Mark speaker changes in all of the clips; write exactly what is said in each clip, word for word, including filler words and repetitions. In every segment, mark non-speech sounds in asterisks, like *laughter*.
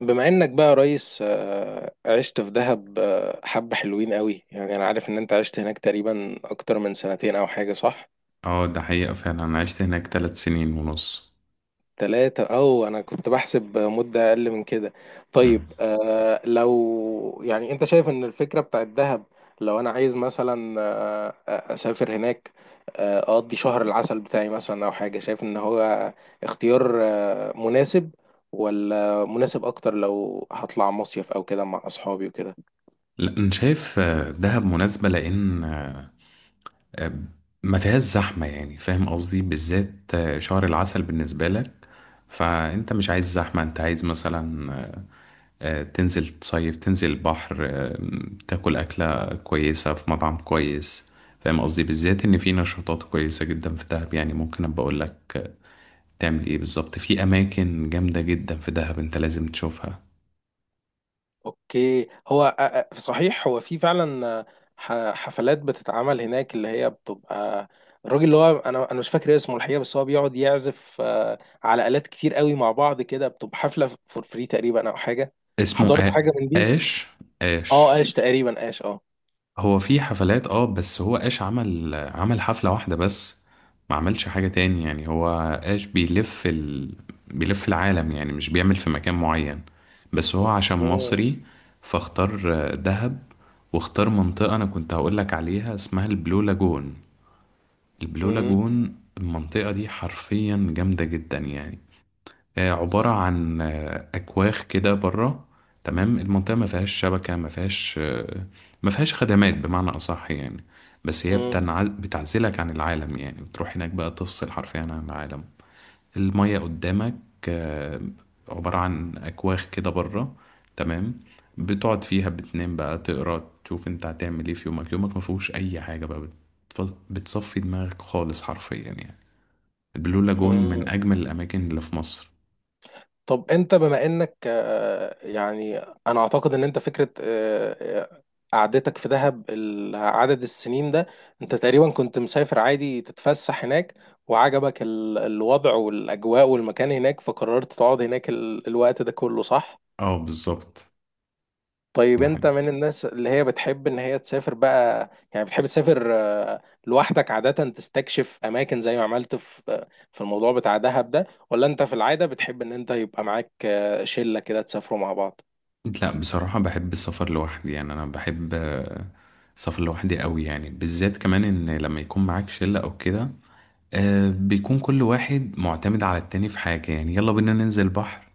Speaker 1: بما انك بقى يا ريس، آه، عشت في دهب، آه، حبة حلوين قوي، يعني انا عارف ان انت عشت هناك تقريبا اكتر من سنتين او حاجة، صح؟
Speaker 2: اه، ده حقيقة فعلا أنا عشت هناك تلات سنين ونص.
Speaker 1: ثلاثة؟ او انا كنت بحسب مدة اقل من كده. طيب،
Speaker 2: مم.
Speaker 1: آه، لو يعني انت شايف ان الفكرة بتاعت دهب، لو انا عايز مثلا آه، آه، اسافر هناك، آه، اقضي شهر العسل بتاعي مثلا او حاجة، شايف ان هو اختيار آه، مناسب ولا مناسب اكتر لو هطلع مصيف او كده مع اصحابي وكده؟
Speaker 2: لا، أنا شايف آه، دهب مناسبة لأن آه، ما فيهاش زحمة. يعني فاهم قصدي بالذات آه، شهر العسل بالنسبة لك. فأنت مش عايز زحمة، أنت عايز مثلا آه، آه، تنزل تصيف تنزل البحر، آه، تاكل أكلة كويسة في مطعم كويس. فاهم قصدي بالذات إن في نشاطات كويسة جدا في دهب. يعني ممكن أبقى أقول لك آه، تعمل إيه بالظبط في أماكن جامدة جدا في دهب. أنت لازم تشوفها.
Speaker 1: اوكي، هو أ- أ- صحيح، هو في فعلا ح- حفلات بتتعمل هناك، اللي هي بتبقى الراجل اللي هو انا انا مش فاكر اسمه الحقيقه، بس هو بيقعد يعزف آه، على آلات كتير قوي مع بعض كده، بتبقى حفله فور فري تقريبا او حاجه.
Speaker 2: اسمه
Speaker 1: حضرت
Speaker 2: آ-
Speaker 1: حاجه من دي؟
Speaker 2: آش.
Speaker 1: اه،
Speaker 2: آش،
Speaker 1: قاش تقريبا، قاش، اه.
Speaker 2: هو في حفلات، اه بس هو آش عمل عمل حفلة واحدة بس. ما عملش حاجة تاني يعني. هو آش بيلف ال... بيلف العالم يعني، مش بيعمل في مكان معين. بس هو عشان
Speaker 1: اوكي.
Speaker 2: مصري فاختار آه، دهب. واختار منطقة أنا كنت هقولك عليها، اسمها البلو لاجون. البلو
Speaker 1: مم،
Speaker 2: لاجون المنطقة دي حرفيا جامدة جدا يعني. آه، عبارة عن آه، أكواخ كده بره. تمام. المنطقة ما فيهاش شبكة، ما فيهاش آه، ما فيهاش خدمات بمعنى أصح يعني. بس هي
Speaker 1: مم،
Speaker 2: بتنعل بتعزلك عن العالم. يعني بتروح هناك بقى تفصل حرفيا عن العالم. المية قدامك. آه، عبارة عن أكواخ كده بره. تمام. بتقعد فيها بتنام بقى، تقرا، تشوف انت هتعمل ايه في يومك. يومك ما فيهوش أي حاجة بقى. بتف- بتصفي دماغك خالص حرفيا يعني. البلو لاجون من
Speaker 1: مم.
Speaker 2: أجمل الأماكن اللي في مصر.
Speaker 1: طب انت بما انك، آه، يعني انا اعتقد ان انت فكره، آه، آه، قعدتك في دهب، ال- عدد السنين ده، انت تقريبا كنت مسافر عادي تتفسح هناك، وعجبك ال- الوضع والاجواء والمكان هناك، فقررت تقعد هناك ال- الوقت ده كله، صح؟
Speaker 2: اه، بالظبط.
Speaker 1: طيب،
Speaker 2: ده
Speaker 1: انت
Speaker 2: حقيقي.
Speaker 1: من الناس اللي هي بتحب ان هي تسافر بقى؟ يعني بتحب تسافر آه، لوحدك عادة تستكشف اماكن زي ما عملت في، آه، في الموضوع بتاع دهب ده، ولا انت في العادة بتحب ان انت يبقى معاك آه، شلة كده تسافروا مع بعض؟
Speaker 2: لا، بصراحة بحب السفر لوحدي. يعني أنا بحب آه، السفر لوحدي قوي. يعني بالذات كمان، إن لما يكون معاك شلة أو كده، آه، بيكون كل واحد معتمد على التاني في حاجة. يعني يلا بينا ننزل بحر،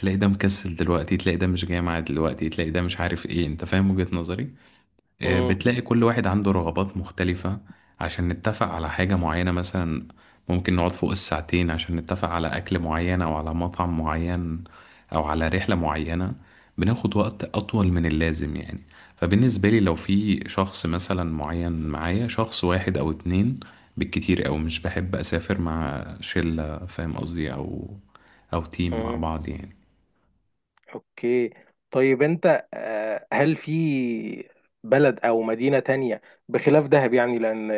Speaker 2: تلاقي ده مكسل دلوقتي، تلاقي ده مش جاي معاه دلوقتي، تلاقي ده مش عارف ايه. انت فاهم وجهة نظري. آه،
Speaker 1: امم.
Speaker 2: بتلاقي كل واحد عنده رغبات مختلفة. عشان نتفق على حاجة معينة مثلا، ممكن نقعد فوق الساعتين عشان نتفق على أكل معين أو على مطعم معين أو على رحلة معينة. بناخد وقت أطول من اللازم يعني. فبالنسبة لي، لو في شخص مثلا معين معايا، شخص واحد أو اتنين بالكتير، أو مش بحب أسافر مع شلة. فاهم قصدي؟ أو أو تيم مع
Speaker 1: امم.
Speaker 2: بعض يعني.
Speaker 1: اوكي. طيب انت، آه، هل في بلد او مدينة تانية بخلاف دهب؟ يعني لان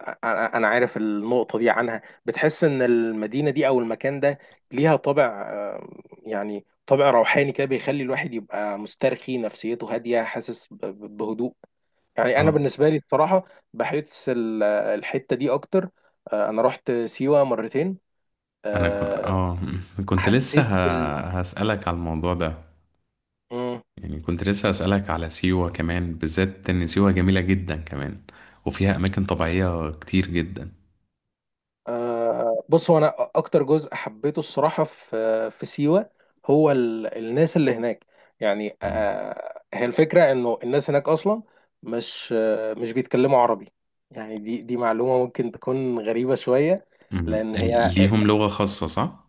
Speaker 1: انا أنا عارف النقطه دي، عنها بتحس ان المدينه دي او المكان ده ليها طابع، آه، يعني طابع روحاني كده بيخلي الواحد يبقى مسترخي، نفسيته هاديه، حاسس ب- ب- بهدوء. يعني انا
Speaker 2: اه،
Speaker 1: بالنسبه لي الصراحه بحس ال- الحته دي اكتر. آه، انا رحت سيوه مرتين.
Speaker 2: أنا ك...
Speaker 1: آه،
Speaker 2: اه *laughs* كنت لسه
Speaker 1: حسيت بال...
Speaker 2: ه... هسألك على الموضوع ده.
Speaker 1: إمم.
Speaker 2: يعني كنت لسه أسألك على سيوة كمان، بالذات إن سيوة جميلة جدا كمان وفيها أماكن طبيعية كتير جدا.
Speaker 1: آه، بص، هو انا اكتر جزء حبيته الصراحه في، في سيوه، هو ال- الناس اللي هناك. يعني
Speaker 2: مم.
Speaker 1: آه، هي الفكره انه الناس هناك اصلا مش، آه، مش بيتكلموا عربي. يعني دي دي معلومه ممكن تكون غريبه شويه.
Speaker 2: مم.
Speaker 1: لان
Speaker 2: ال-
Speaker 1: هي،
Speaker 2: ليهم لغة خاصة صح؟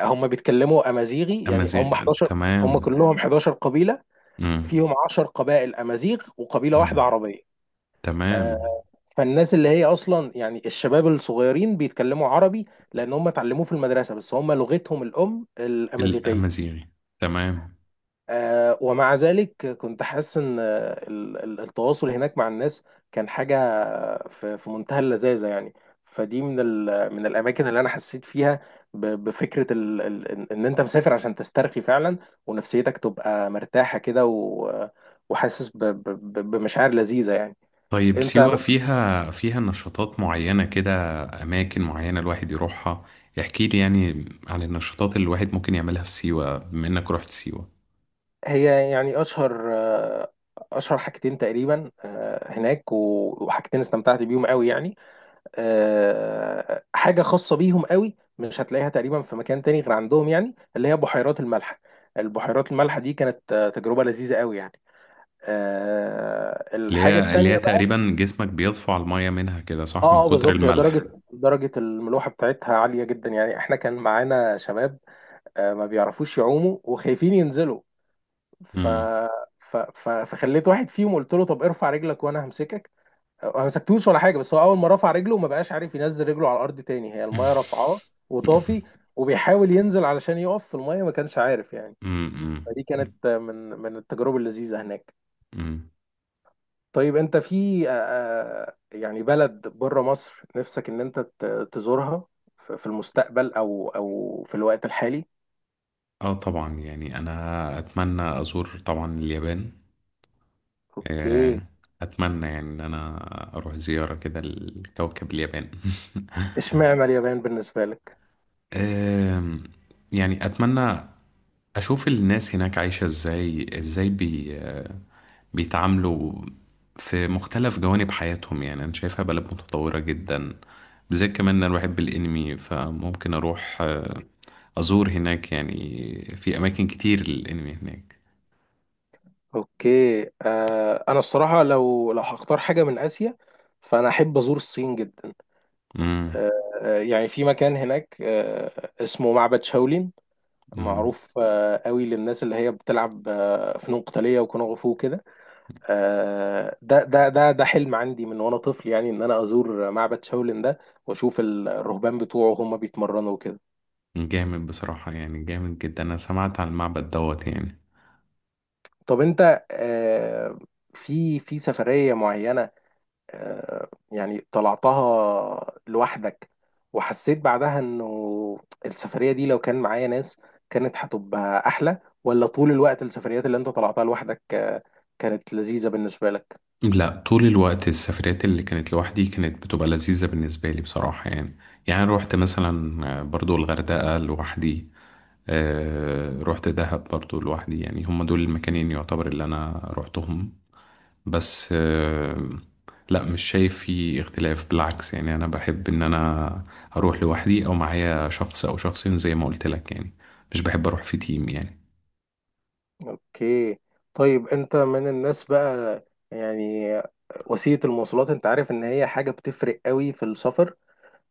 Speaker 1: آه، هم بيتكلموا امازيغي. يعني هم
Speaker 2: أمازيغ،
Speaker 1: احداشر، هم
Speaker 2: تمام.
Speaker 1: كلهم 11 قبيله،
Speaker 2: مم.
Speaker 1: فيهم 10 قبائل امازيغ وقبيله واحده
Speaker 2: مم.
Speaker 1: عربيه. آه،
Speaker 2: تمام.
Speaker 1: فالناس اللي هي اصلا يعني الشباب الصغيرين بيتكلموا عربي لان هم اتعلموه في المدرسه، بس هم لغتهم الام الامازيغيه.
Speaker 2: الأمازيغي، تمام.
Speaker 1: آه، ومع ذلك كنت حاسس ان، آه، ال- ال- التواصل هناك مع الناس كان حاجه في في منتهى اللذاذه يعني. فدي من، ال- من الاماكن اللي انا حسيت فيها ب- بفكره، ال- ال- ان إن انت مسافر عشان تسترخي فعلا، ونفسيتك تبقى مرتاحه كده، و- وحاسس ب- ب- ب- بمشاعر لذيذه يعني.
Speaker 2: طيب،
Speaker 1: انت،
Speaker 2: سيوة فيها فيها نشاطات معينة كده، أماكن معينة الواحد يروحها. احكي لي يعني عن النشاطات اللي الواحد ممكن يعملها في سيوة، بما إنك رحت سيوة.
Speaker 1: هي يعني اشهر، آه، اشهر حاجتين تقريبا آه، هناك، و- وحاجتين استمتعت بيهم قوي يعني. آه، حاجه خاصه بيهم قوي مش هتلاقيها تقريبا في مكان تاني غير عندهم، يعني اللي هي بحيرات الملح. البحيرات الملح دي كانت آه، تجربه لذيذه قوي يعني. آه،
Speaker 2: اللي
Speaker 1: الحاجه
Speaker 2: هي اللي
Speaker 1: التانيه
Speaker 2: هي
Speaker 1: بقى.
Speaker 2: تقريبا جسمك بيطفو على المية منها كده، صح؟ من
Speaker 1: اه اه،
Speaker 2: كتر
Speaker 1: بالظبط، هي
Speaker 2: الملح.
Speaker 1: درجه درجه الملوحه بتاعتها عاليه جدا. يعني احنا كان معانا شباب آه، ما بيعرفوش يعوموا وخايفين ينزلوا، ف...
Speaker 2: امم.
Speaker 1: ف... ف... فخليت واحد فيهم، قلت له طب ارفع رجلك وانا همسكك. ما مسكتوش ولا حاجه، بس هو اول ما رفع رجله ما بقاش عارف ينزل رجله على الارض تاني، هي المايه رافعاه
Speaker 2: *laughs*
Speaker 1: وطافي، وبيحاول ينزل علشان يقف في المايه، ما كانش عارف يعني.
Speaker 2: امم.
Speaker 1: فدي كانت من من التجارب اللذيذه هناك.
Speaker 2: امم.
Speaker 1: طيب انت في، آه، أه، يعني بلد بره مصر نفسك ان انت ت- تزورها في في المستقبل، او او في الوقت الحالي؟
Speaker 2: اه، طبعا. يعني انا اتمنى ازور طبعا اليابان.
Speaker 1: اوكي.
Speaker 2: آه، اتمنى يعني ان انا اروح زيارة كده لكوكب اليابان. *laughs*
Speaker 1: اشمعنى اليابان بالنسبه لك؟
Speaker 2: آم، يعني اتمنى اشوف الناس هناك عايشة ازاي، ازاي بي بيتعاملوا في مختلف جوانب حياتهم. يعني انا شايفها بلد متطورة جدا، بالذات كمان انا بحب الانمي. فممكن اروح آه، ازور هناك. يعني في اماكن كتير للانمي هناك.
Speaker 1: اوكي. آه، انا الصراحه، لو لو هختار حاجه من اسيا، فانا احب ازور الصين جدا.
Speaker 2: امم.
Speaker 1: آه. آه، يعني في مكان هناك آه اسمه معبد شاولين،
Speaker 2: أمم.
Speaker 1: معروف آه قوي للناس اللي هي بتلعب آه فنون قتاليه وكونغ فو كده. آه، ده ده ده ده حلم عندي من وانا طفل، يعني ان انا ازور معبد شاولين ده، واشوف ال- الرهبان بتوعه هم بيتمرنوا وكده.
Speaker 2: جامد بصراحة، يعني جامد جدا. انا سمعت عن المعبد دوت يعني.
Speaker 1: طب انت آه، في في سفريه معينه آه، يعني طلعتها لوحدك، وحسيت بعدها انه السفرية دي لو كان معايا ناس كانت هتبقى احلى، ولا طول الوقت السفريات اللي انت طلعتها لوحدك آه، كانت لذيذة بالنسبة لك؟
Speaker 2: لا، طول الوقت السفريات اللي كانت لوحدي كانت بتبقى لذيذة بالنسبة لي بصراحة يعني. يعني روحت مثلا آه، برضو الغردقة لوحدي. آه، روحت دهب برضو لوحدي. يعني هم دول المكانين يعتبر اللي انا روحتهم. بس آه، لا، مش شايف في اختلاف. بالعكس، يعني انا بحب ان انا اروح لوحدي او معايا شخص او شخصين، زي ما قلت لك يعني. مش بحب اروح في تيم يعني.
Speaker 1: اوكي. طيب انت من الناس بقى، يعني وسيلة المواصلات، انت عارف ان هي حاجة بتفرق قوي في السفر،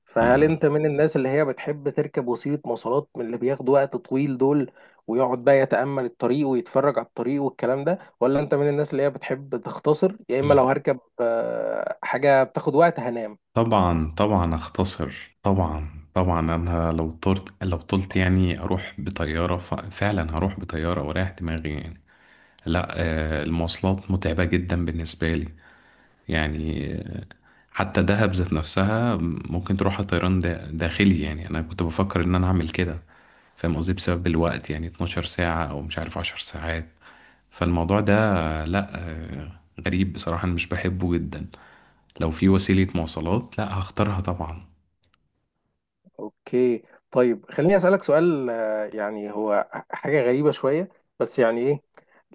Speaker 1: فهل
Speaker 2: مم.
Speaker 1: انت من الناس اللي هي بتحب تركب وسيلة مواصلات من اللي بياخدوا وقت طويل دول، ويقعد بقى يتأمل الطريق ويتفرج على الطريق والكلام ده، ولا انت من الناس اللي هي بتحب تختصر، يا اما لو هركب آه، حاجة بتاخد وقت هنام؟
Speaker 2: طبعا طبعا، اختصر. طبعا طبعا، انا لو طرت لو طلت، يعني اروح بطياره. ف... فعلا هروح بطياره واريح دماغي يعني. لا، آه، المواصلات متعبه جدا بالنسبه لي يعني. حتى دهب ذات نفسها ممكن تروحها طيران دا- داخلي. يعني انا كنت بفكر ان انا اعمل كده. فاهم قصدي؟ بسبب الوقت يعني 12 ساعة او مش عارف 10 ساعات. فالموضوع ده، لا، آه، غريب بصراحة. انا مش بحبه جدا. لو في وسيلة مواصلات، لا هختارها طبعا.
Speaker 1: اوكي. طيب خليني اسالك سؤال، آه، يعني هو حاجه غريبه شويه، بس يعني ايه،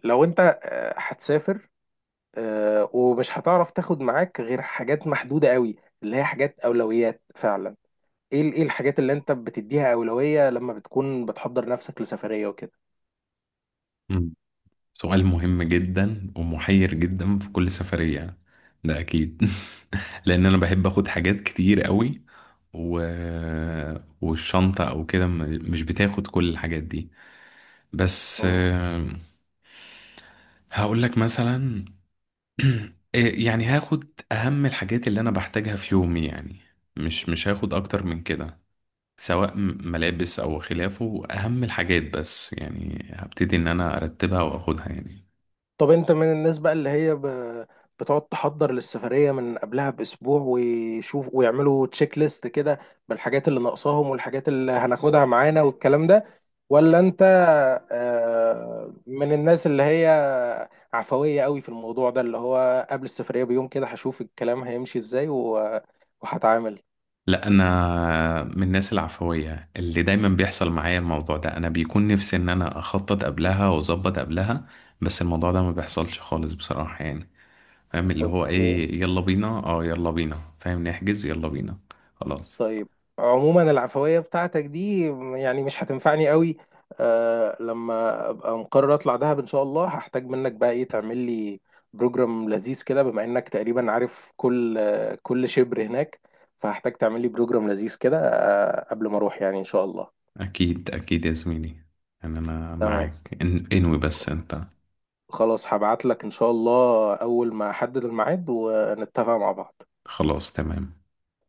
Speaker 1: لو انت آه، هتسافر آه، ومش هتعرف تاخد معاك غير حاجات محدوده قوي، اللي هي حاجات اولويات فعلا، ايه ال- ايه الحاجات اللي انت بتديها اولوية لما بتكون بتحضر نفسك لسفرية وكده؟
Speaker 2: سؤال مهم جدا ومحير جدا في كل سفرية، ده أكيد. *laughs* لأن أنا بحب أخد حاجات كتير قوي. و... والشنطة أو كده م- مش بتاخد كل الحاجات دي. بس،
Speaker 1: مم.
Speaker 2: آه، هقول لك مثلا. *clears throat* إيه، يعني هاخد أهم الحاجات اللي أنا بحتاجها في يومي يعني. مش مش هاخد أكتر من كده، سواء م- ملابس أو خلافه. أهم الحاجات، بس يعني هبتدي إن أنا أرتبها وأخدها يعني.
Speaker 1: طب انت من الناس بقى اللي هي، ب... بتقعد تحضر للسفرية من قبلها بأسبوع ويشوف ويعملوا تشيك ليست كده بالحاجات اللي ناقصاهم والحاجات اللي هناخدها معانا والكلام ده، ولا انت آه، من الناس اللي هي عفوية قوي في الموضوع ده، اللي هو قبل السفرية بيوم كده هشوف الكلام هيمشي ازاي، و- وهتعامل؟
Speaker 2: لا، انا من الناس العفويه اللي دايما بيحصل معايا الموضوع ده. انا بيكون نفسي ان انا اخطط قبلها واظبط قبلها، بس الموضوع ده ما بيحصلش خالص بصراحه يعني. فاهم اللي هو
Speaker 1: اوكي.
Speaker 2: ايه؟ يلا بينا، اه يلا بينا فاهم، نحجز، يلا بينا. خلاص.
Speaker 1: طيب عموما العفوية بتاعتك دي يعني مش هتنفعني قوي. آه، لما ابقى مقرر اطلع دهب ان شاء الله، هحتاج منك بقى ايه، تعمل لي بروجرام لذيذ كده بما انك تقريبا عارف كل آه كل شبر هناك، فهحتاج تعمل لي بروجرام لذيذ كده آه قبل ما اروح يعني ان شاء الله.
Speaker 2: اكيد اكيد يا زميلي. يعني انا
Speaker 1: تمام.
Speaker 2: معاك، إن- انوي، بس انت.
Speaker 1: خلاص، هبعت لك ان شاء الله اول ما احدد الميعاد ونتفق مع بعض.
Speaker 2: خلاص، تمام.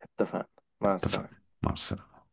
Speaker 1: اتفقنا. مع السلامة.
Speaker 2: اتفقنا. مع السلامه.